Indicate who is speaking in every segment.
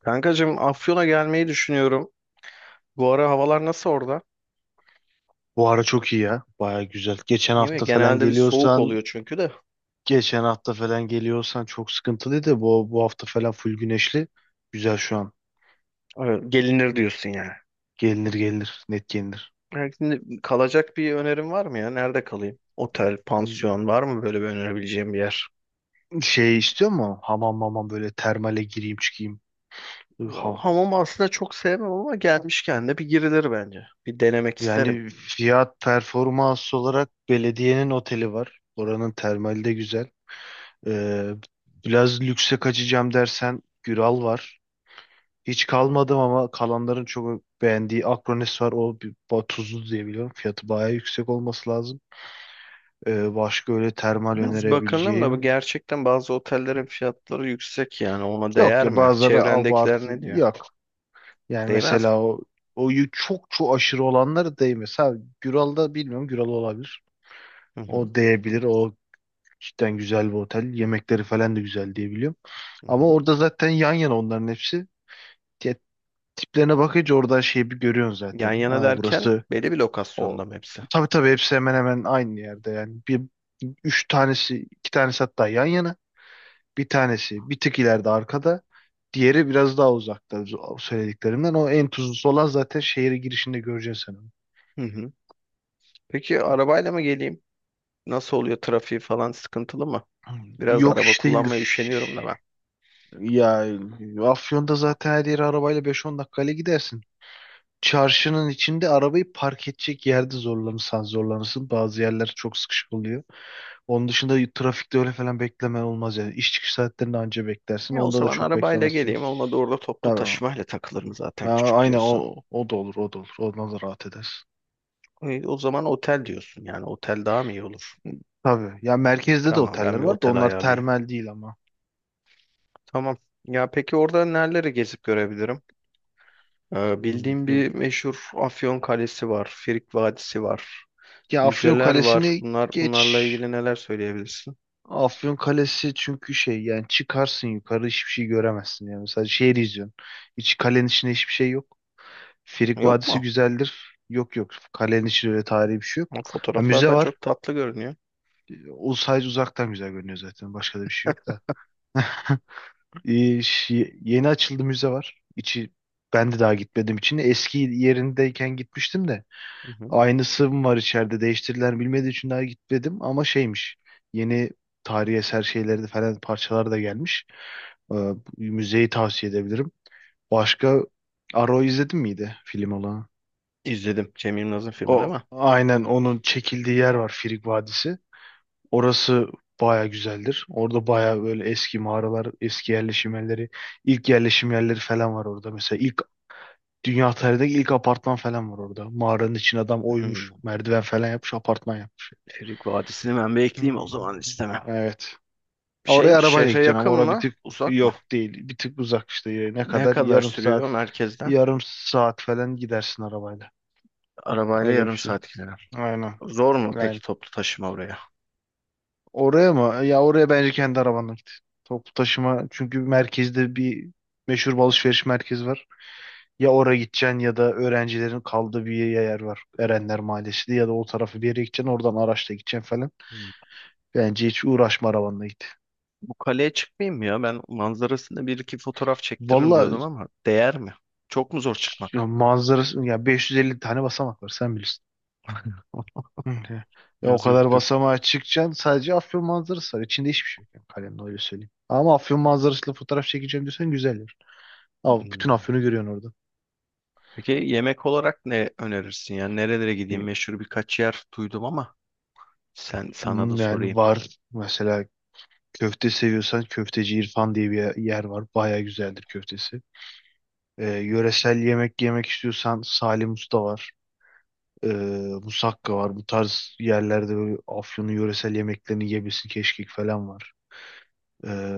Speaker 1: Kankacığım Afyon'a gelmeyi düşünüyorum. Bu ara havalar nasıl orada?
Speaker 2: Bu ara çok iyi ya. Baya güzel. Geçen
Speaker 1: Değil mi?
Speaker 2: hafta falan
Speaker 1: Genelde bir soğuk
Speaker 2: geliyorsan,
Speaker 1: oluyor çünkü de.
Speaker 2: geçen hafta falan geliyorsan çok sıkıntılıydı. Bu hafta falan full güneşli. Güzel şu an.
Speaker 1: Evet, gelinir diyorsun yani.
Speaker 2: Gelinir gelinir. Net gelinir.
Speaker 1: Yani şimdi kalacak bir önerin var mı ya? Nerede kalayım? Otel, pansiyon var mı böyle bir önerebileceğim bir yer?
Speaker 2: Şey istiyor mu? Hamam mamam böyle termale gireyim çıkayım. Ha.
Speaker 1: Hamam aslında çok sevmem ama gelmişken de bir girilir bence. Bir denemek isterim.
Speaker 2: Yani fiyat performans olarak belediyenin oteli var. Oranın termali de güzel. Ee, Biraz lükse kaçacağım dersen Güral var. Hiç kalmadım ama kalanların çok beğendiği Akronis var. O bir, tuzlu diye biliyorum. Fiyatı bayağı yüksek olması lazım. Başka öyle termal
Speaker 1: Biraz bakındım da bu
Speaker 2: önerebileceğim.
Speaker 1: gerçekten bazı otellerin fiyatları yüksek, yani ona
Speaker 2: Yok
Speaker 1: değer
Speaker 2: ya
Speaker 1: mi?
Speaker 2: bazıları
Speaker 1: Çevrendekiler
Speaker 2: abartı
Speaker 1: ne diyor?
Speaker 2: yok. Yani
Speaker 1: Değmez mi?
Speaker 2: mesela çok çok aşırı olanları değmez. Ha, Güral'da bilmiyorum, Güral olabilir.
Speaker 1: Hı hı,
Speaker 2: O değebilir. O cidden güzel bir otel. Yemekleri falan da güzel diye biliyorum.
Speaker 1: hı
Speaker 2: Ama
Speaker 1: hı.
Speaker 2: orada zaten yan yana onların hepsi. Ya, tiplerine bakınca oradan şeyi bir görüyorsun
Speaker 1: Yan
Speaker 2: zaten.
Speaker 1: yana
Speaker 2: Aa,
Speaker 1: derken
Speaker 2: burası.
Speaker 1: belli bir
Speaker 2: O,
Speaker 1: lokasyonda mı hepsi?
Speaker 2: tabii tabii hepsi hemen hemen aynı yerde yani. Bir üç tanesi, iki tanesi hatta yan yana. Bir tanesi bir tık ileride arkada. Diğeri biraz daha uzakta o söylediklerimden. O en tuzlusu olan zaten şehre girişinde göreceksin sen onu.
Speaker 1: Hı hı. Peki arabayla mı geleyim? Nasıl oluyor, trafiği falan sıkıntılı mı? Biraz
Speaker 2: Yok
Speaker 1: araba
Speaker 2: iş
Speaker 1: kullanmaya
Speaker 2: değildir.
Speaker 1: üşeniyorum da ben.
Speaker 2: Ya, Afyon'da zaten her yere arabayla beş on dakikayla gidersin. Çarşının içinde arabayı park edecek yerde zorlanırsan zorlanırsın. Bazı yerler çok sıkışık oluyor. Onun dışında trafikte öyle falan beklemen olmaz yani. İş çıkış saatlerinde anca beklersin.
Speaker 1: Ya o
Speaker 2: Onda da
Speaker 1: zaman
Speaker 2: çok
Speaker 1: arabayla
Speaker 2: beklemezsin.
Speaker 1: geleyim. Olmadı orada toplu
Speaker 2: Tabii.
Speaker 1: taşımayla takılırım zaten,
Speaker 2: Ha,
Speaker 1: küçük
Speaker 2: aynen,
Speaker 1: diyorsun.
Speaker 2: o, o da olur, o da olur. Ondan da rahat edersin.
Speaker 1: O zaman otel diyorsun. Yani otel daha mı iyi olur?
Speaker 2: Tabii. Ya merkezde de
Speaker 1: Tamam, ben
Speaker 2: oteller
Speaker 1: bir
Speaker 2: var da
Speaker 1: otel
Speaker 2: onlar
Speaker 1: ayarlayayım.
Speaker 2: termal değil ama.
Speaker 1: Tamam. Ya peki orada nereleri gezip görebilirim?
Speaker 2: Hmm,
Speaker 1: Bildiğim
Speaker 2: dur.
Speaker 1: bir meşhur Afyon Kalesi var. Frig Vadisi var.
Speaker 2: Ya Afyon
Speaker 1: Müzeler var.
Speaker 2: Kalesi'ni geç.
Speaker 1: Bunlarla ilgili neler söyleyebilirsin?
Speaker 2: Afyon Kalesi çünkü şey yani, çıkarsın yukarı hiçbir şey göremezsin yani. Mesela şehri izliyorsun. Hiç kalenin içinde hiçbir şey yok. Frig
Speaker 1: Yok
Speaker 2: Vadisi
Speaker 1: mu?
Speaker 2: güzeldir. Yok yok. Kalenin içinde öyle tarihi bir şey yok. Ha, müze
Speaker 1: Fotoğraflardan
Speaker 2: var.
Speaker 1: çok tatlı görünüyor.
Speaker 2: O sadece uzaktan güzel görünüyor zaten. Başka da bir şey yok da. Ee, Yeni açıldı müze var. İçi ben de daha gitmedim için. Eski yerindeyken gitmiştim de.
Speaker 1: Hı hı.
Speaker 2: Aynısı mı var içeride değiştirilen bilmediği için daha gitmedim ama şeymiş. Yeni tarihi eser şeyleri de falan parçalar da gelmiş. Bu müzeyi tavsiye edebilirim. Başka Arrow izledin miydi, film olan?
Speaker 1: İzledim Cem Yılmaz'ın filmini
Speaker 2: O
Speaker 1: ama
Speaker 2: aynen onun çekildiği yer var, Frig Vadisi. Orası baya güzeldir. Orada baya böyle eski mağaralar, eski yerleşim yerleri, ilk yerleşim yerleri falan var orada. Mesela ilk dünya tarihindeki ilk apartman falan var orada. Mağaranın için adam oymuş,
Speaker 1: hmm,
Speaker 2: merdiven falan yapmış, apartman yapmış.
Speaker 1: Frig Vadisi'ni ben bekleyeyim o
Speaker 2: Hmm,
Speaker 1: zaman, istemem.
Speaker 2: evet.
Speaker 1: Şey
Speaker 2: Oraya
Speaker 1: mi,
Speaker 2: arabayla
Speaker 1: şehre
Speaker 2: gideceksin ama
Speaker 1: yakın
Speaker 2: oraya bir
Speaker 1: mı
Speaker 2: tık
Speaker 1: uzak mı?
Speaker 2: yok değil. Bir tık uzak işte. Ne
Speaker 1: Ne
Speaker 2: kadar?
Speaker 1: kadar
Speaker 2: Yarım saat,
Speaker 1: sürüyor merkezden?
Speaker 2: yarım saat falan gidersin arabayla.
Speaker 1: Arabayla
Speaker 2: Öyle bir
Speaker 1: yarım
Speaker 2: şey.
Speaker 1: saat gider.
Speaker 2: Aynen.
Speaker 1: Zor mu
Speaker 2: Aynen.
Speaker 1: peki toplu taşıma oraya?
Speaker 2: Oraya mı? Ya oraya bence kendi arabanla git. Toplu taşıma çünkü merkezde bir meşhur bir alışveriş merkezi var. Ya oraya gideceksin ya da öğrencilerin kaldığı bir yer var. Erenler Mahallesi diye, ya da o tarafı bir yere gideceksin, oradan araçla gideceksin falan.
Speaker 1: Hmm.
Speaker 2: Bence hiç uğraşma, arabanla git.
Speaker 1: Bu kaleye çıkmayayım mı ya? Ben manzarasında bir iki fotoğraf çektiririm
Speaker 2: Valla
Speaker 1: diyordum ama değer mi? Çok mu zor
Speaker 2: ya
Speaker 1: çıkmak?
Speaker 2: manzarası ya 550 tane basamak var, sen bilirsin. Hı hı. Ya o
Speaker 1: Biraz yok.
Speaker 2: kadar basamağa çıkacaksın, sadece Afyon manzarası var. İçinde hiçbir şey yok yani, kalemle öyle söyleyeyim. Ama Afyon manzarasıyla fotoğraf çekeceğim diyorsan güzel yer. Ama bütün
Speaker 1: Hmm.
Speaker 2: Afyon'u görüyorsun orada.
Speaker 1: Peki yemek olarak ne önerirsin? Yani nerelere gideyim? Meşhur birkaç yer duydum ama sen, sana da
Speaker 2: Hmm, yani
Speaker 1: sorayım.
Speaker 2: var mesela, seviyorsan köfteci İrfan diye bir yer var. Baya güzeldir köftesi. Yöresel yemek yemek istiyorsan Salim Usta var. Ee, Musakka var. Bu tarz yerlerde böyle Afyon'un yöresel yemeklerini yiyebilirsin. Keşkek falan var. Ee,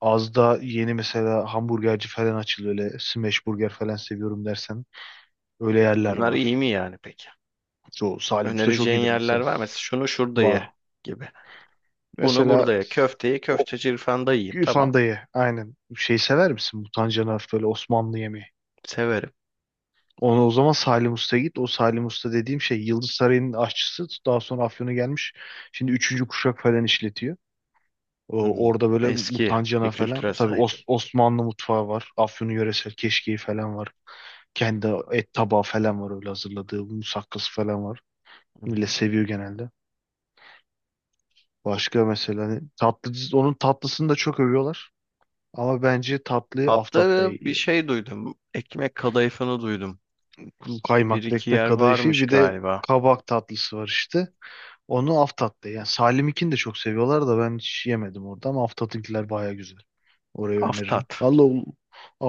Speaker 2: Az da yeni mesela hamburgerci falan açıldı. Öyle smash burger falan seviyorum dersen öyle yerler
Speaker 1: Bunlar iyi
Speaker 2: var.
Speaker 1: mi yani peki?
Speaker 2: Çoğu Salim Usta çok
Speaker 1: Önereceğin
Speaker 2: iyidir
Speaker 1: yerler
Speaker 2: mesela.
Speaker 1: var mı? Mesela şunu şurada
Speaker 2: Var.
Speaker 1: ye gibi. Bunu
Speaker 2: Mesela
Speaker 1: burada ye. Köfteyi köfteci İrfan'da yiyeyim. Tamam.
Speaker 2: Fandayı aynen. Şey sever misin? Mutancanaf böyle Osmanlı yemeği.
Speaker 1: Severim.
Speaker 2: Onu o zaman Salim Usta'ya git. O Salim Usta dediğim şey Yıldız Sarayı'nın aşçısı. Daha sonra Afyon'a gelmiş. Şimdi üçüncü kuşak falan işletiyor. O,
Speaker 1: Hmm.
Speaker 2: orada böyle
Speaker 1: Eski bir
Speaker 2: mutancana
Speaker 1: kültüre
Speaker 2: falan. Tabii
Speaker 1: sahip.
Speaker 2: Osmanlı mutfağı var. Afyon'un yöresel keşkeği falan var. Kendi et tabağı falan var öyle hazırladığı. Musakkası falan var.
Speaker 1: Hı
Speaker 2: Millet
Speaker 1: hı.
Speaker 2: seviyor genelde. Başka mesela hani tatlı, onun tatlısını da çok övüyorlar. Ama bence tatlıyı Aftat'ta.
Speaker 1: Hatta bir şey duydum. Ekmek kadayıfını duydum. Bir
Speaker 2: Kaymaklı
Speaker 1: iki
Speaker 2: ekmek
Speaker 1: yer
Speaker 2: kadayıfı
Speaker 1: varmış
Speaker 2: bir de
Speaker 1: galiba.
Speaker 2: kabak tatlısı var işte. Onu Aftat'ta yani, Salim'inkini de çok seviyorlar da ben hiç yemedim orada, ama Aftat'ınkiler baya güzel. Orayı öneririm.
Speaker 1: Aftat.
Speaker 2: Valla o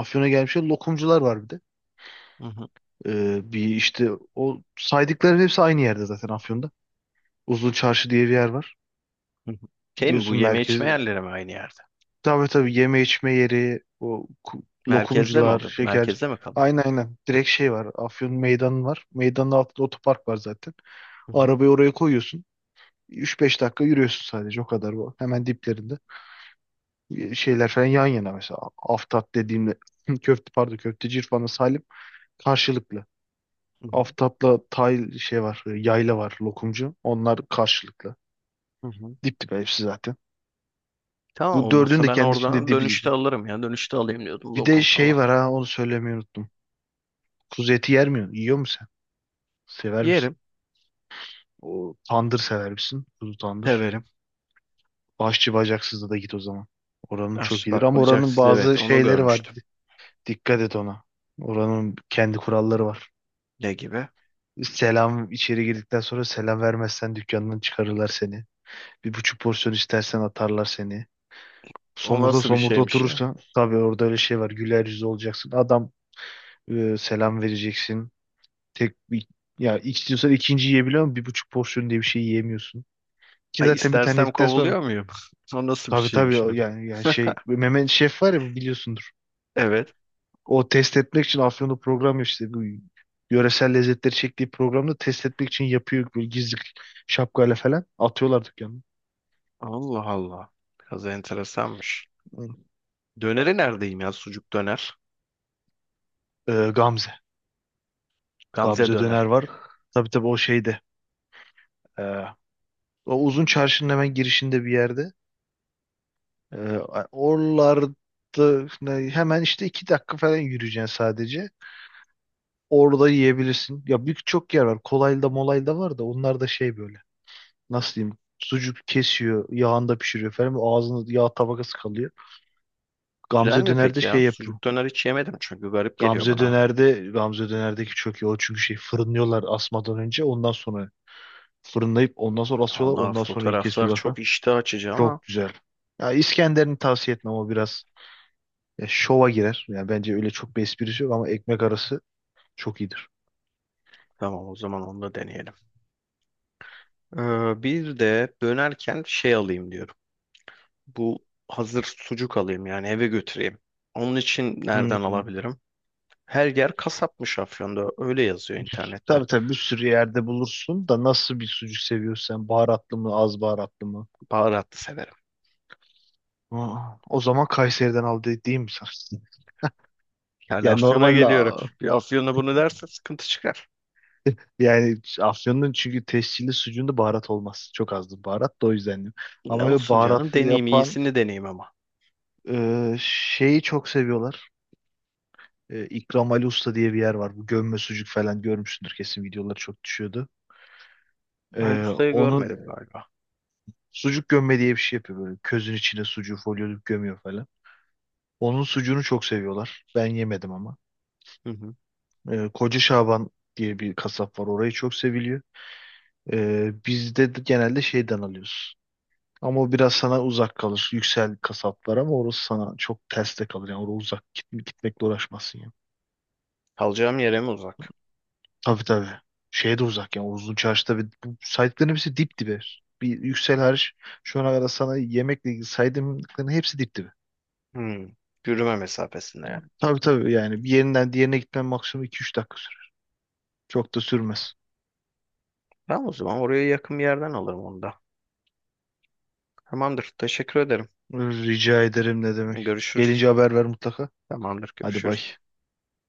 Speaker 2: Afyon'a gelmiş lokumcular var bir de.
Speaker 1: Hı hı.
Speaker 2: Bir işte o saydıkların hepsi aynı yerde zaten Afyon'da. Uzun Çarşı diye bir yer var.
Speaker 1: Hı hı. Şey mi, bu
Speaker 2: Gidiyorsun
Speaker 1: yeme içme
Speaker 2: merkeze.
Speaker 1: yerleri mi aynı yerde?
Speaker 2: Tabii tabii, yeme içme yeri, o
Speaker 1: Merkezde mi
Speaker 2: lokumcular,
Speaker 1: oluyor?
Speaker 2: şeker.
Speaker 1: Merkezde mi kalıyor?
Speaker 2: Aynen aynen. Direkt şey var. Afyon meydanı var. Meydanın altında otopark var zaten.
Speaker 1: Hı hı,
Speaker 2: Arabayı oraya koyuyorsun. Üç beş dakika yürüyorsun sadece, o kadar bu. Hemen diplerinde. E, şeyler falan yan yana mesela. Aftap dediğimde köfte pardon, köfteci İrfan'la Salim karşılıklı.
Speaker 1: hı hı,
Speaker 2: Aftap'la tay şey var, e, yayla var lokumcu. Onlar karşılıklı.
Speaker 1: hı hı.
Speaker 2: Dip dibe hepsi zaten.
Speaker 1: Tamam,
Speaker 2: Bu dördünün
Speaker 1: olmazsa
Speaker 2: de
Speaker 1: ben
Speaker 2: kendi içinde
Speaker 1: oradan
Speaker 2: dibi.
Speaker 1: dönüşte alırım ya. Dönüşte alayım diyordum
Speaker 2: Bir de
Speaker 1: lokum
Speaker 2: şey
Speaker 1: falan.
Speaker 2: var, ha, onu söylemeyi unuttum. Kuzu eti yer mi? Yiyor musun sen? Sever misin?
Speaker 1: Yerim,
Speaker 2: O tandır sever misin? Kuzu tandır.
Speaker 1: severim.
Speaker 2: Başçı bacaksızda da git o zaman. Oranın çok
Speaker 1: Aşçı
Speaker 2: iyidir
Speaker 1: bak
Speaker 2: ama oranın
Speaker 1: bacaksız, evet
Speaker 2: bazı
Speaker 1: onu
Speaker 2: şeyleri var.
Speaker 1: görmüştüm.
Speaker 2: Dikkat et ona. Oranın kendi kuralları var.
Speaker 1: Ne gibi?
Speaker 2: Selam, içeri girdikten sonra selam vermezsen dükkandan çıkarırlar seni. Bir buçuk porsiyon istersen atarlar seni.
Speaker 1: O
Speaker 2: Somurda
Speaker 1: nasıl bir
Speaker 2: somurda
Speaker 1: şeymiş ya?
Speaker 2: oturursan tabii orada öyle şey var. Güler yüzlü olacaksın. Adam, selam vereceksin. Tek bir- Ya istiyorsan ikinci yiyebiliyor ama bir buçuk porsiyon diye bir şey yiyemiyorsun. Ki
Speaker 1: Ay,
Speaker 2: zaten bir tane
Speaker 1: istersem
Speaker 2: yedikten sonra,
Speaker 1: kovuluyor muyum? O nasıl bir
Speaker 2: tabii
Speaker 1: şeymiş
Speaker 2: tabii
Speaker 1: öyle?
Speaker 2: yani, yani şey, Mehmet Şef var ya, biliyorsundur.
Speaker 1: Evet.
Speaker 2: O test etmek için Afyon'da program işte bu yöresel lezzetleri çektiği programda test etmek için yapıyor, böyle gizli şapkayla falan atıyorlar dükkanı.
Speaker 1: Allah Allah. Biraz enteresanmış. Döneri neredeyim ya? Sucuk döner.
Speaker 2: Gamze.
Speaker 1: Gamze
Speaker 2: Gamze döner
Speaker 1: döner.
Speaker 2: var. Tabii tabii o şeyde. ee, O uzun çarşının hemen girişinde bir yerde. Ee, Oralarda hemen işte iki dakika falan yürüyeceksin sadece. Orada yiyebilirsin. Ya büyük çok yer var. Kolaylı molaylı da var da onlar da şey böyle. Nasıl diyeyim? Sucuk kesiyor, yağında pişiriyor falan. Ağzında yağ tabakası kalıyor.
Speaker 1: Güzel
Speaker 2: Gamze
Speaker 1: mi
Speaker 2: Döner'de
Speaker 1: peki ya?
Speaker 2: şey yapıyor.
Speaker 1: Sucuk döner hiç yemedim çünkü garip geliyor bana.
Speaker 2: Gamze Döner'deki çok iyi. O çünkü şey, fırınlıyorlar asmadan önce, ondan sonra fırınlayıp ondan sonra asıyorlar,
Speaker 1: Allah,
Speaker 2: ondan sonra iyi
Speaker 1: fotoğraflar
Speaker 2: kesiyorlar falan.
Speaker 1: çok iştah açıcı ama
Speaker 2: Çok güzel. Ya İskender'ini tavsiye etmem, o biraz, ya şova girer. Yani bence öyle çok bir esprisi yok ama ekmek arası çok iyidir.
Speaker 1: tamam, o zaman onu da deneyelim. Bir de dönerken şey alayım diyorum. Bu hazır sucuk alayım yani, eve götüreyim. Onun için nereden
Speaker 2: Hmm.
Speaker 1: alabilirim? Her yer kasapmış Afyon'da. Öyle yazıyor internette.
Speaker 2: Tabii tabii bir sürü yerde bulursun da nasıl bir sucuk seviyorsun sen? Baharatlı mı, az baharatlı mı?
Speaker 1: Baharatlı severim.
Speaker 2: Aa, o zaman Kayseri'den aldı değil mi sen?
Speaker 1: Yani
Speaker 2: Yani
Speaker 1: Afyon'a
Speaker 2: normalde
Speaker 1: geliyorum. Bir Afyon'a bunu derse sıkıntı çıkar.
Speaker 2: yani Afyon'un çünkü tescilli sucuğunda baharat olmaz. Çok azdır baharat da, o yüzden diyorum.
Speaker 1: Ne
Speaker 2: Ama böyle
Speaker 1: olsun canım,
Speaker 2: baharatlı
Speaker 1: deneyeyim.
Speaker 2: yapan
Speaker 1: İyisini deneyeyim ama.
Speaker 2: şeyi çok seviyorlar. E, İkram Ali Usta diye bir yer var. Bu gömme sucuk falan görmüşsündür kesin, videoları çok düşüyordu.
Speaker 1: Ali
Speaker 2: E,
Speaker 1: Usta'yı
Speaker 2: onun
Speaker 1: görmedim galiba.
Speaker 2: sucuk gömme diye bir şey yapıyor böyle. Közün içine sucuğu folyolup gömüyor falan. Onun sucuğunu çok seviyorlar. Ben yemedim ama.
Speaker 1: Hı hı.
Speaker 2: E, Koca Şaban diye bir kasap var. Orayı çok seviliyor. Biz de genelde şeyden alıyoruz. Ama o biraz sana uzak kalır. Yüksel kasaplar ama orası sana çok ters de kalır. Yani oraya uzak gitmekle uğraşmazsın yani.
Speaker 1: Kalacağım yere mi uzak?
Speaker 2: Tabii tabii. Şeye de uzak yani. O Uzun çarşıda bir, bu saydıkların hepsi dip dibe. Bir yüksel hariç şu ana kadar sana yemekle ilgili saydığımların hepsi dip dibe.
Speaker 1: Hmm. Yürüme mesafesinde yani.
Speaker 2: Tabii tabii yani, bir yerinden diğerine gitmen maksimum iki üç dakika sürer. Çok da sürmez.
Speaker 1: Tamam, o zaman oraya yakın bir yerden alırım onu da. Tamamdır. Teşekkür ederim.
Speaker 2: Rica ederim, ne demek.
Speaker 1: Görüşürüz.
Speaker 2: Gelince haber ver mutlaka.
Speaker 1: Tamamdır.
Speaker 2: Hadi bay.
Speaker 1: Görüşürüz.